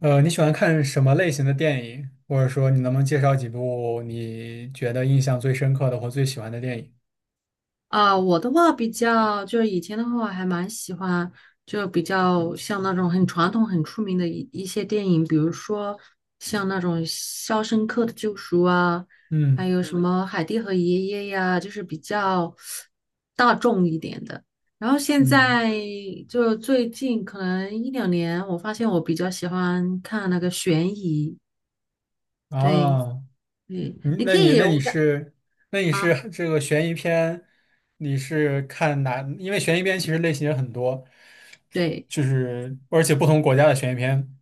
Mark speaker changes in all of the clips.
Speaker 1: 你喜欢看什么类型的电影？或者说，你能不能介绍几部你觉得印象最深刻的或最喜欢的电影？
Speaker 2: 啊，我的话比较，就是以前的话，我还蛮喜欢，就比较像那种很传统、很出名的一些电影，比如说像那种《肖申克的救赎》啊，还
Speaker 1: 嗯
Speaker 2: 有什么《海蒂和爷爷》呀，就是比较大众一点的。然后现
Speaker 1: 嗯，
Speaker 2: 在就最近可能一两年，我发现我比较喜欢看那个悬疑，对，
Speaker 1: 哦，
Speaker 2: 对，
Speaker 1: 你
Speaker 2: 你
Speaker 1: 那
Speaker 2: 可
Speaker 1: 你
Speaker 2: 以，
Speaker 1: 那你是那你是
Speaker 2: 啊，
Speaker 1: 这个悬疑片，你是看哪？因为悬疑片其实类型也很多，
Speaker 2: 对。
Speaker 1: 就是而且不同国家的悬疑片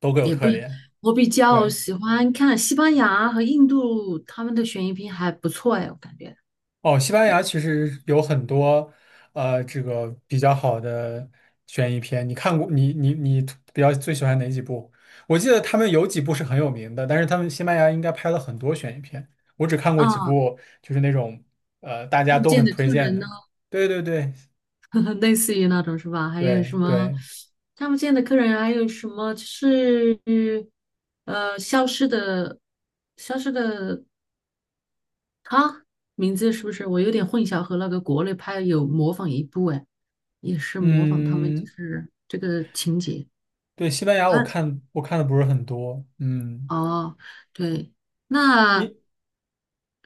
Speaker 1: 都各有
Speaker 2: 也不，
Speaker 1: 特点。
Speaker 2: 我比较
Speaker 1: 对，
Speaker 2: 喜欢看西班牙和印度他们的悬疑片还不错哎，我感觉
Speaker 1: 哦，西班牙其实有很多这个比较好的悬疑片。你看过？你比较最喜欢哪几部？我记得他们有几部是很有名的，但是他们西班牙应该拍了很多悬疑片。我只看过几
Speaker 2: 啊，
Speaker 1: 部，就是那种大家
Speaker 2: 看不
Speaker 1: 都
Speaker 2: 见
Speaker 1: 很
Speaker 2: 的
Speaker 1: 推
Speaker 2: 客
Speaker 1: 荐
Speaker 2: 人呢，
Speaker 1: 的。对对对
Speaker 2: 类似于那种是吧？还有
Speaker 1: 对
Speaker 2: 什么
Speaker 1: 对，
Speaker 2: 看不见的客人，还有什么就是呃消失的消失的他名字是不是？我有点混淆，和那个国内拍有模仿一部哎，也是模仿他们就
Speaker 1: 嗯，
Speaker 2: 是这个情节，
Speaker 1: 对，西班牙我
Speaker 2: 他
Speaker 1: 看我看的不是很多，嗯，
Speaker 2: 哦，对，那
Speaker 1: 一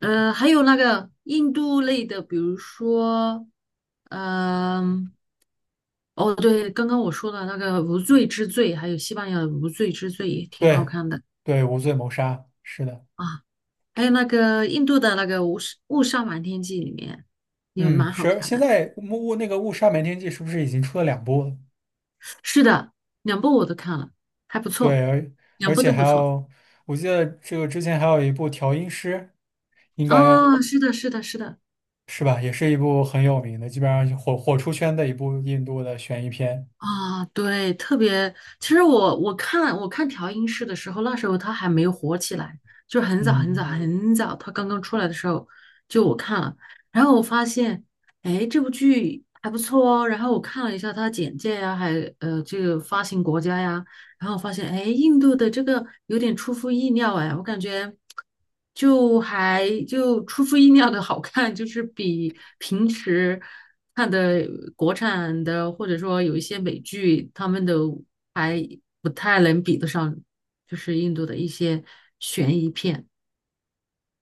Speaker 2: 还有那个印度类的，比如说，嗯、哦，对，刚刚我说的那个《无罪之罪》，还有西班牙的《无罪之罪》也挺好
Speaker 1: 对
Speaker 2: 看的
Speaker 1: 对，无罪谋杀是的。
Speaker 2: 啊，还有那个印度的那个《误杀瞒天记》里面也
Speaker 1: 嗯，
Speaker 2: 蛮好
Speaker 1: 是，
Speaker 2: 看
Speaker 1: 现
Speaker 2: 的。
Speaker 1: 在那个误杀瞒天记是不是已经出了两部了？
Speaker 2: 是的，两部我都看了，还不
Speaker 1: 对，
Speaker 2: 错，
Speaker 1: 而
Speaker 2: 两部
Speaker 1: 且
Speaker 2: 都
Speaker 1: 还
Speaker 2: 不错。
Speaker 1: 有，我记得这个之前还有一部调音师，应该
Speaker 2: 哦，是的，是的，是的。
Speaker 1: 是吧，也是一部很有名的，基本上火出圈的一部印度的悬疑片。
Speaker 2: 啊，对，特别，其实我看调音师的时候，那时候他还没有火起来，就是很早很早
Speaker 1: 嗯。
Speaker 2: 很早，他刚刚出来的时候，就我看了，然后我发现，哎，这部剧还不错哦，然后我看了一下它的简介呀，还这个发行国家呀，然后我发现，哎，印度的这个有点出乎意料，哎，我感觉就还就出乎意料的好看，就是比平时看的国产的或者说有一些美剧，他们的还不太能比得上，就是印度的一些悬疑片。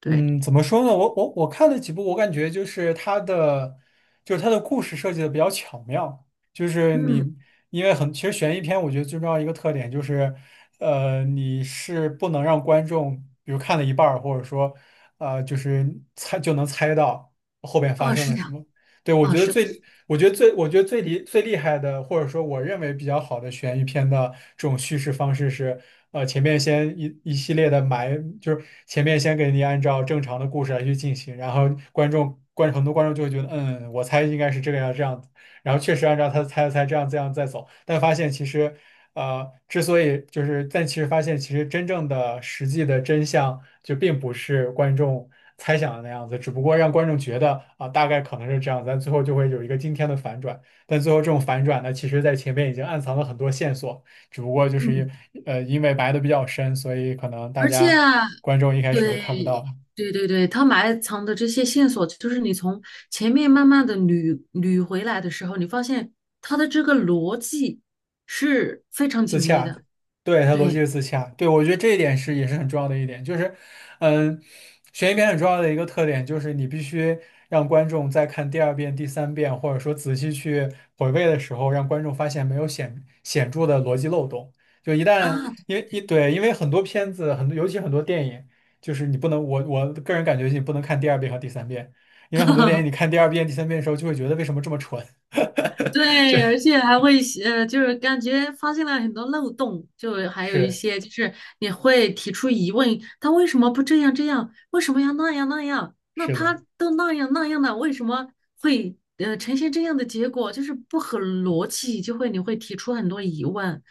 Speaker 2: 对，
Speaker 1: 嗯，怎么说呢？我看了几部，我感觉就是它的，就是它的故事设计的比较巧妙。就是你，
Speaker 2: 嗯，
Speaker 1: 因为很，其实悬疑片我觉得最重要一个特点就是，你是不能让观众，比如看了一半儿，或者说，就是猜就能猜到后边发
Speaker 2: 哦，
Speaker 1: 生
Speaker 2: 是
Speaker 1: 了什
Speaker 2: 的，
Speaker 1: 么。对，
Speaker 2: 哦，是的，
Speaker 1: 我觉得最厉害的，或者说我认为比较好的悬疑片的这种叙事方式是，前面先一系列的埋，就是前面先给你按照正常的故事来去进行，然后观众观很多观众就会觉得，嗯，我猜应该是这个样这样子。然后确实按照他猜的这样这样再走，但发现其实，之所以就是，但其实发现其实真正的实际的真相就并不是观众猜想的那样子，只不过让观众觉得啊、大概可能是这样子，但最后就会有一个惊天的反转。但最后这种反转呢，其实在前面已经暗藏了很多线索，只不过
Speaker 2: 嗯，
Speaker 1: 因为埋的比较深，所以可能大
Speaker 2: 而且。
Speaker 1: 家观众一开始就看不
Speaker 2: 对，
Speaker 1: 到。
Speaker 2: 对对对，他埋藏的这些线索，就是你从前面慢慢的捋捋回来的时候，你发现他的这个逻辑是非常
Speaker 1: 自
Speaker 2: 紧密
Speaker 1: 洽，
Speaker 2: 的。
Speaker 1: 对，它逻辑
Speaker 2: 对
Speaker 1: 是自洽，对，我觉得这一点是也是很重要的一点，就是，嗯，悬疑片很重要的一个特点就是你必须让观众在看第二遍、第三遍，或者说仔细去回味的时候，让观众发现没有显著的逻辑漏洞。就一
Speaker 2: 啊，
Speaker 1: 旦因为很多片子，尤其很多电影，就是你不能，我个人感觉你不能看第二遍和第三遍，因为很多电影你看第二遍、第三遍的时候就会觉得为什么这么蠢，这
Speaker 2: 对，而且还会就是感觉发现了很多漏洞，就还有一
Speaker 1: 是
Speaker 2: 些就是你会提出疑问，他为什么不这样这样？为什么要那样那样？那
Speaker 1: 是
Speaker 2: 他
Speaker 1: 的，
Speaker 2: 都那样那样了，为什么会呈现这样的结果？就是不合逻辑，就会你会提出很多疑问。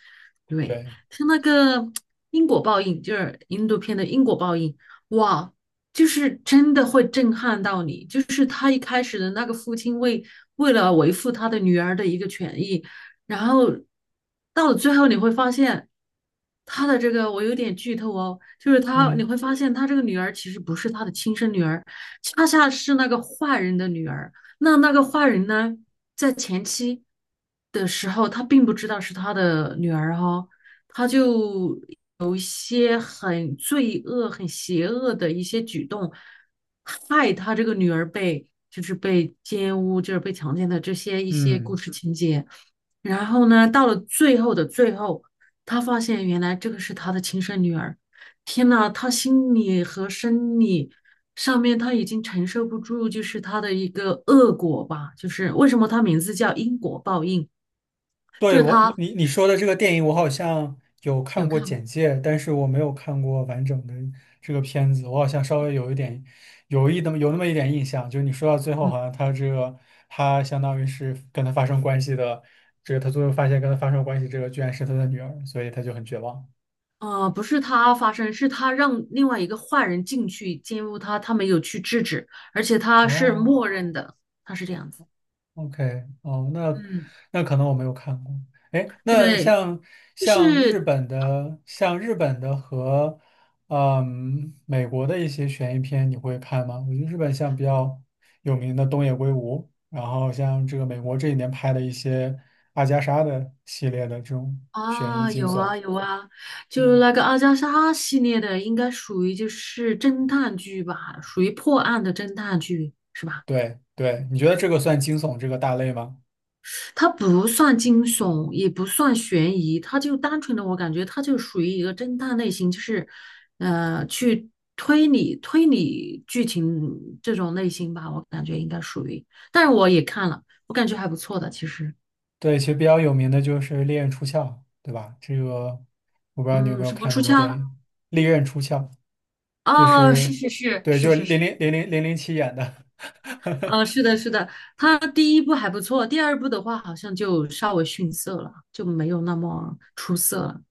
Speaker 2: 对，
Speaker 1: 对，
Speaker 2: 像那个因果报应，就是印度片的因果报应，哇，就是真的会震撼到你，就是他一开始的那个父亲为了维护他的女儿的一个权益，然后到了最后你会发现，他的这个我有点剧透哦，就是他你
Speaker 1: 嗯。
Speaker 2: 会发现他这个女儿其实不是他的亲生女儿，恰恰是那个坏人的女儿。那个坏人呢，在前期的时候他并不知道是他的女儿哈、哦他就有一些很罪恶、很邪恶的一些举动，害他这个女儿被就是被奸污，就是被强奸的这些一些故
Speaker 1: 嗯，
Speaker 2: 事情节。然后呢，到了最后的最后，他发现原来这个是他的亲生女儿。天呐，他心理和生理上面他已经承受不住，就是他的一个恶果吧。就是为什么他名字叫因果报应，就
Speaker 1: 对，
Speaker 2: 是
Speaker 1: 我，
Speaker 2: 他
Speaker 1: 你你说的这个电影，我好像有看
Speaker 2: 有
Speaker 1: 过
Speaker 2: 看过。
Speaker 1: 简介，但是我没有看过完整的这个片子。我好像稍微有一点，有那么一点印象，就是你说到最后，
Speaker 2: 嗯
Speaker 1: 好像他这个他相当于是跟他发生关系的，这个他最后发现跟他发生关系这个居然是他的女儿，所以他就很绝望。
Speaker 2: 啊，不是他发生，是他让另外一个坏人进去奸污他，他没有去制止，而且他是
Speaker 1: 哦。
Speaker 2: 默认的，他是这样子。
Speaker 1: OK,哦，那
Speaker 2: 嗯，
Speaker 1: 那可能我没有看过。哎，那
Speaker 2: 对，
Speaker 1: 像
Speaker 2: 就
Speaker 1: 像
Speaker 2: 是
Speaker 1: 日本的，像日本的和美国的一些悬疑片，你会看吗？我觉得日本像比较有名的东野圭吾，然后像这个美国这一年拍的一些阿加莎的系列的这种悬疑
Speaker 2: 啊，
Speaker 1: 惊
Speaker 2: 有
Speaker 1: 悚，
Speaker 2: 啊有啊，就
Speaker 1: 嗯，
Speaker 2: 那个阿加莎系列的，应该属于就是侦探剧吧，属于破案的侦探剧。
Speaker 1: 对对，你觉得这个算惊悚这个大类吗？
Speaker 2: 它不算惊悚，也不算悬疑，它就单纯的，我感觉它就属于一个侦探类型，就是，去推理推理剧情这种类型吧，我感觉应该属于。但是我也看了，我感觉还不错的，其实，
Speaker 1: 对，其实比较有名的就是《利刃出鞘》，对吧？这个我不知道你有没
Speaker 2: 嗯，
Speaker 1: 有
Speaker 2: 什么
Speaker 1: 看那
Speaker 2: 出
Speaker 1: 部
Speaker 2: 鞘？
Speaker 1: 电影《利刃出鞘》，就
Speaker 2: 哦，是
Speaker 1: 是
Speaker 2: 是是
Speaker 1: 对，
Speaker 2: 是
Speaker 1: 就是
Speaker 2: 是
Speaker 1: 零
Speaker 2: 是，
Speaker 1: 零零零零零七演的。
Speaker 2: 是的，是的，它第一部还不错，第二部的话好像就稍微逊色了，就没有那么出色了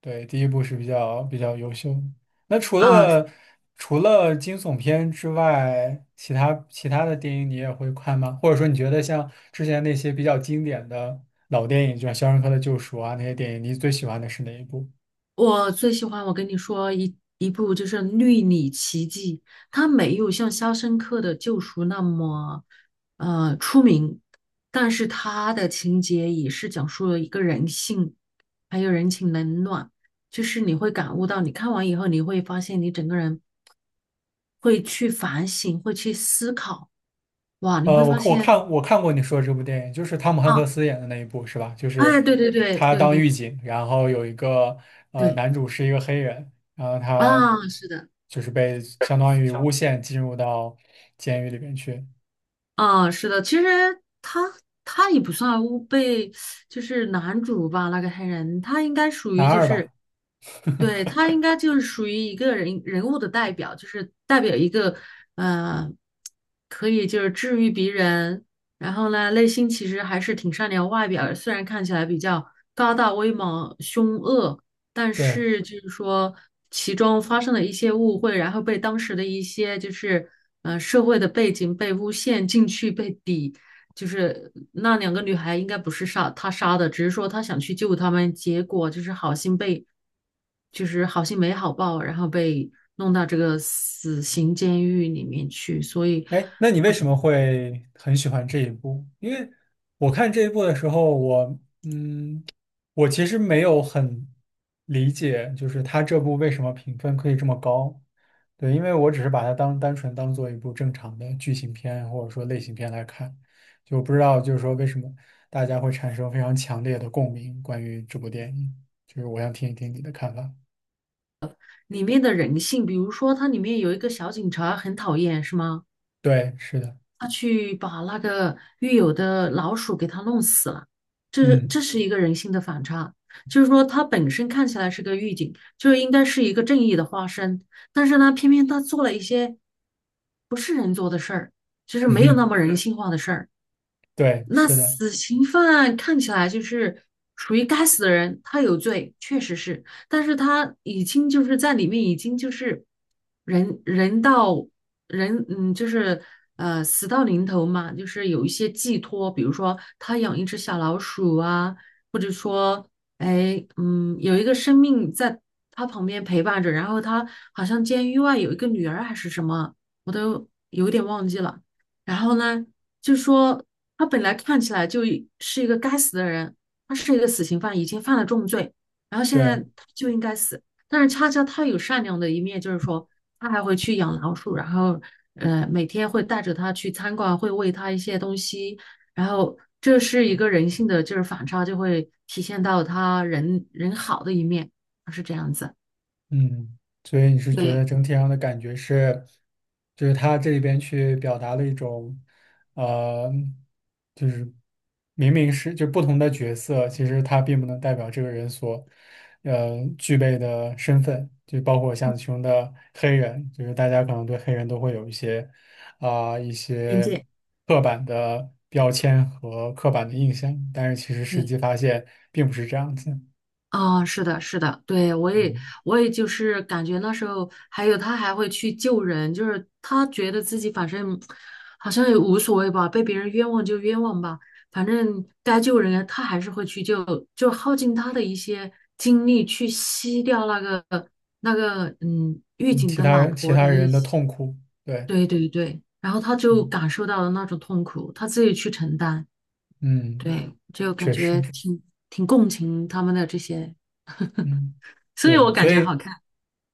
Speaker 1: 对，第一部是比较比较优秀的那除
Speaker 2: 啊。
Speaker 1: 了除了惊悚片之外，其他其他的电影你也会看吗？或者说你觉得像之前那些比较经典的老电影，就像《肖申克的救赎》啊那些电影，你最喜欢的是哪一部？
Speaker 2: 我最喜欢，我跟你说一部就是《绿里奇迹》，它没有像《肖申克的救赎》那么出名，但是它的情节也是讲述了一个人性，还有人情冷暖，就是你会感悟到，你看完以后你会发现你整个人会去反省，会去思考，哇，你会发
Speaker 1: 我我看
Speaker 2: 现
Speaker 1: 我看过你说的这部电影，就是汤姆汉克
Speaker 2: 啊，
Speaker 1: 斯演的那一部，是吧？就是
Speaker 2: 哎，对对对
Speaker 1: 他
Speaker 2: 对
Speaker 1: 当
Speaker 2: 对
Speaker 1: 狱警，然后有一个
Speaker 2: 对
Speaker 1: 男主是一个黑人，然后他
Speaker 2: 啊，是的。
Speaker 1: 就是被相当于诬陷进入到监狱里面去，
Speaker 2: 啊，是的，其实他也不算欧被，就是男主吧，那个黑人，他应该属
Speaker 1: 男
Speaker 2: 于就
Speaker 1: 二
Speaker 2: 是，
Speaker 1: 吧？
Speaker 2: 对，他应 该就是属于一个人物的代表，就是代表一个呃，可以就是治愈别人，然后呢，内心其实还是挺善良，外表虽然看起来比较高大威猛、凶恶。但
Speaker 1: 对。
Speaker 2: 是就是说其中发生了一些误会，然后被当时的一些就是社会的背景被诬陷进去被抵，就是那两个女孩应该不是杀他杀的，只是说他想去救他们，结果就是好心被就是好心没好报，然后被弄到这个死刑监狱里面去，所以
Speaker 1: 哎，那你为什么会很喜欢这一部？因为我看这一部的时候，嗯，我其实没有很理解，就是他这部为什么评分可以这么高？对，因为我只是把它当单纯当做一部正常的剧情片或者说类型片来看，就不知道就是说为什么大家会产生非常强烈的共鸣关于这部电影，就是我想听一听你的看法。
Speaker 2: 里面的人性，比如说它里面有一个小警察很讨厌，是吗？
Speaker 1: 对，是的，
Speaker 2: 他去把那个狱友的老鼠给他弄死了，这是
Speaker 1: 嗯，
Speaker 2: 这是一个人性的反差。就是说，他本身看起来是个狱警，就应该是一个正义的化身，但是呢，偏偏他做了一些不是人做的事儿，就是没有那么人性化的事儿。
Speaker 1: 对，
Speaker 2: 那
Speaker 1: 是的，
Speaker 2: 死刑犯看起来就是属于该死的人，他有罪，确实是，但是他已经就是在里面已经就是人人到人，嗯，就是死到临头嘛，就是有一些寄托，比如说他养一只小老鼠啊，或者说哎有一个生命在他旁边陪伴着，然后他好像监狱外有一个女儿还是什么，我都有点忘记了。然后呢，就说他本来看起来就是一个该死的人，他是一个死刑犯，已经犯了重罪，然后现在
Speaker 1: 对。
Speaker 2: 他就应该死。但是恰恰他有善良的一面，就是说他还会去养老鼠，然后每天会带着他去餐馆，会喂他一些东西，然后这是一个人性的就是反差，就会体现到他人人好的一面，他是这样子。
Speaker 1: 嗯，所以你是觉得
Speaker 2: 对
Speaker 1: 整体上的感觉是，就是他这里边去表达了一种，呃，就是明明是就不同的角色，其实他并不能代表这个人所，具备的身份，就包括像其中的黑人，就是大家可能对黑人都会有一些，啊、一
Speaker 2: 边
Speaker 1: 些
Speaker 2: 界，
Speaker 1: 刻板的标签和刻板的印象，但是其实实
Speaker 2: 对，
Speaker 1: 际发现并不是这样子。
Speaker 2: 啊，是的，是的，对，我也，
Speaker 1: 嗯。
Speaker 2: 我也就是感觉那时候，还有他还会去救人，就是他觉得自己反正好像也无所谓吧，被别人冤枉就冤枉吧，反正该救人他还是会去救，就耗尽他的一些精力去吸掉那个那个狱
Speaker 1: 嗯
Speaker 2: 警的老
Speaker 1: 其
Speaker 2: 婆的
Speaker 1: 他
Speaker 2: 一
Speaker 1: 人的
Speaker 2: 些，
Speaker 1: 痛苦，对，
Speaker 2: 对对对，然后他就
Speaker 1: 嗯
Speaker 2: 感受到了那种痛苦，他自己去承担，
Speaker 1: 嗯，
Speaker 2: 对，就感
Speaker 1: 确实，
Speaker 2: 觉挺共情他们的这些。
Speaker 1: 嗯，
Speaker 2: 所以
Speaker 1: 对，
Speaker 2: 我感
Speaker 1: 所
Speaker 2: 觉好
Speaker 1: 以
Speaker 2: 看。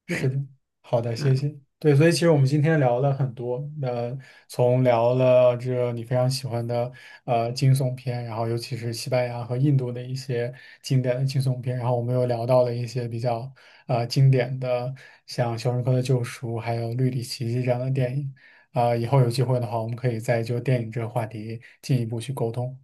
Speaker 1: 是
Speaker 2: 对，
Speaker 1: 的，好的，谢
Speaker 2: 嗯，
Speaker 1: 谢。对，所以其实我们今天聊了很多，呃，从聊了这个你非常喜欢的惊悚片，然后尤其是西班牙和印度的一些经典的惊悚片，然后我们又聊到了一些比较经典的，像《肖申克的救赎》还有《绿里奇迹》这样的电影。啊、以后有机会的话，我们可以再就电影这个话题进一步去沟通。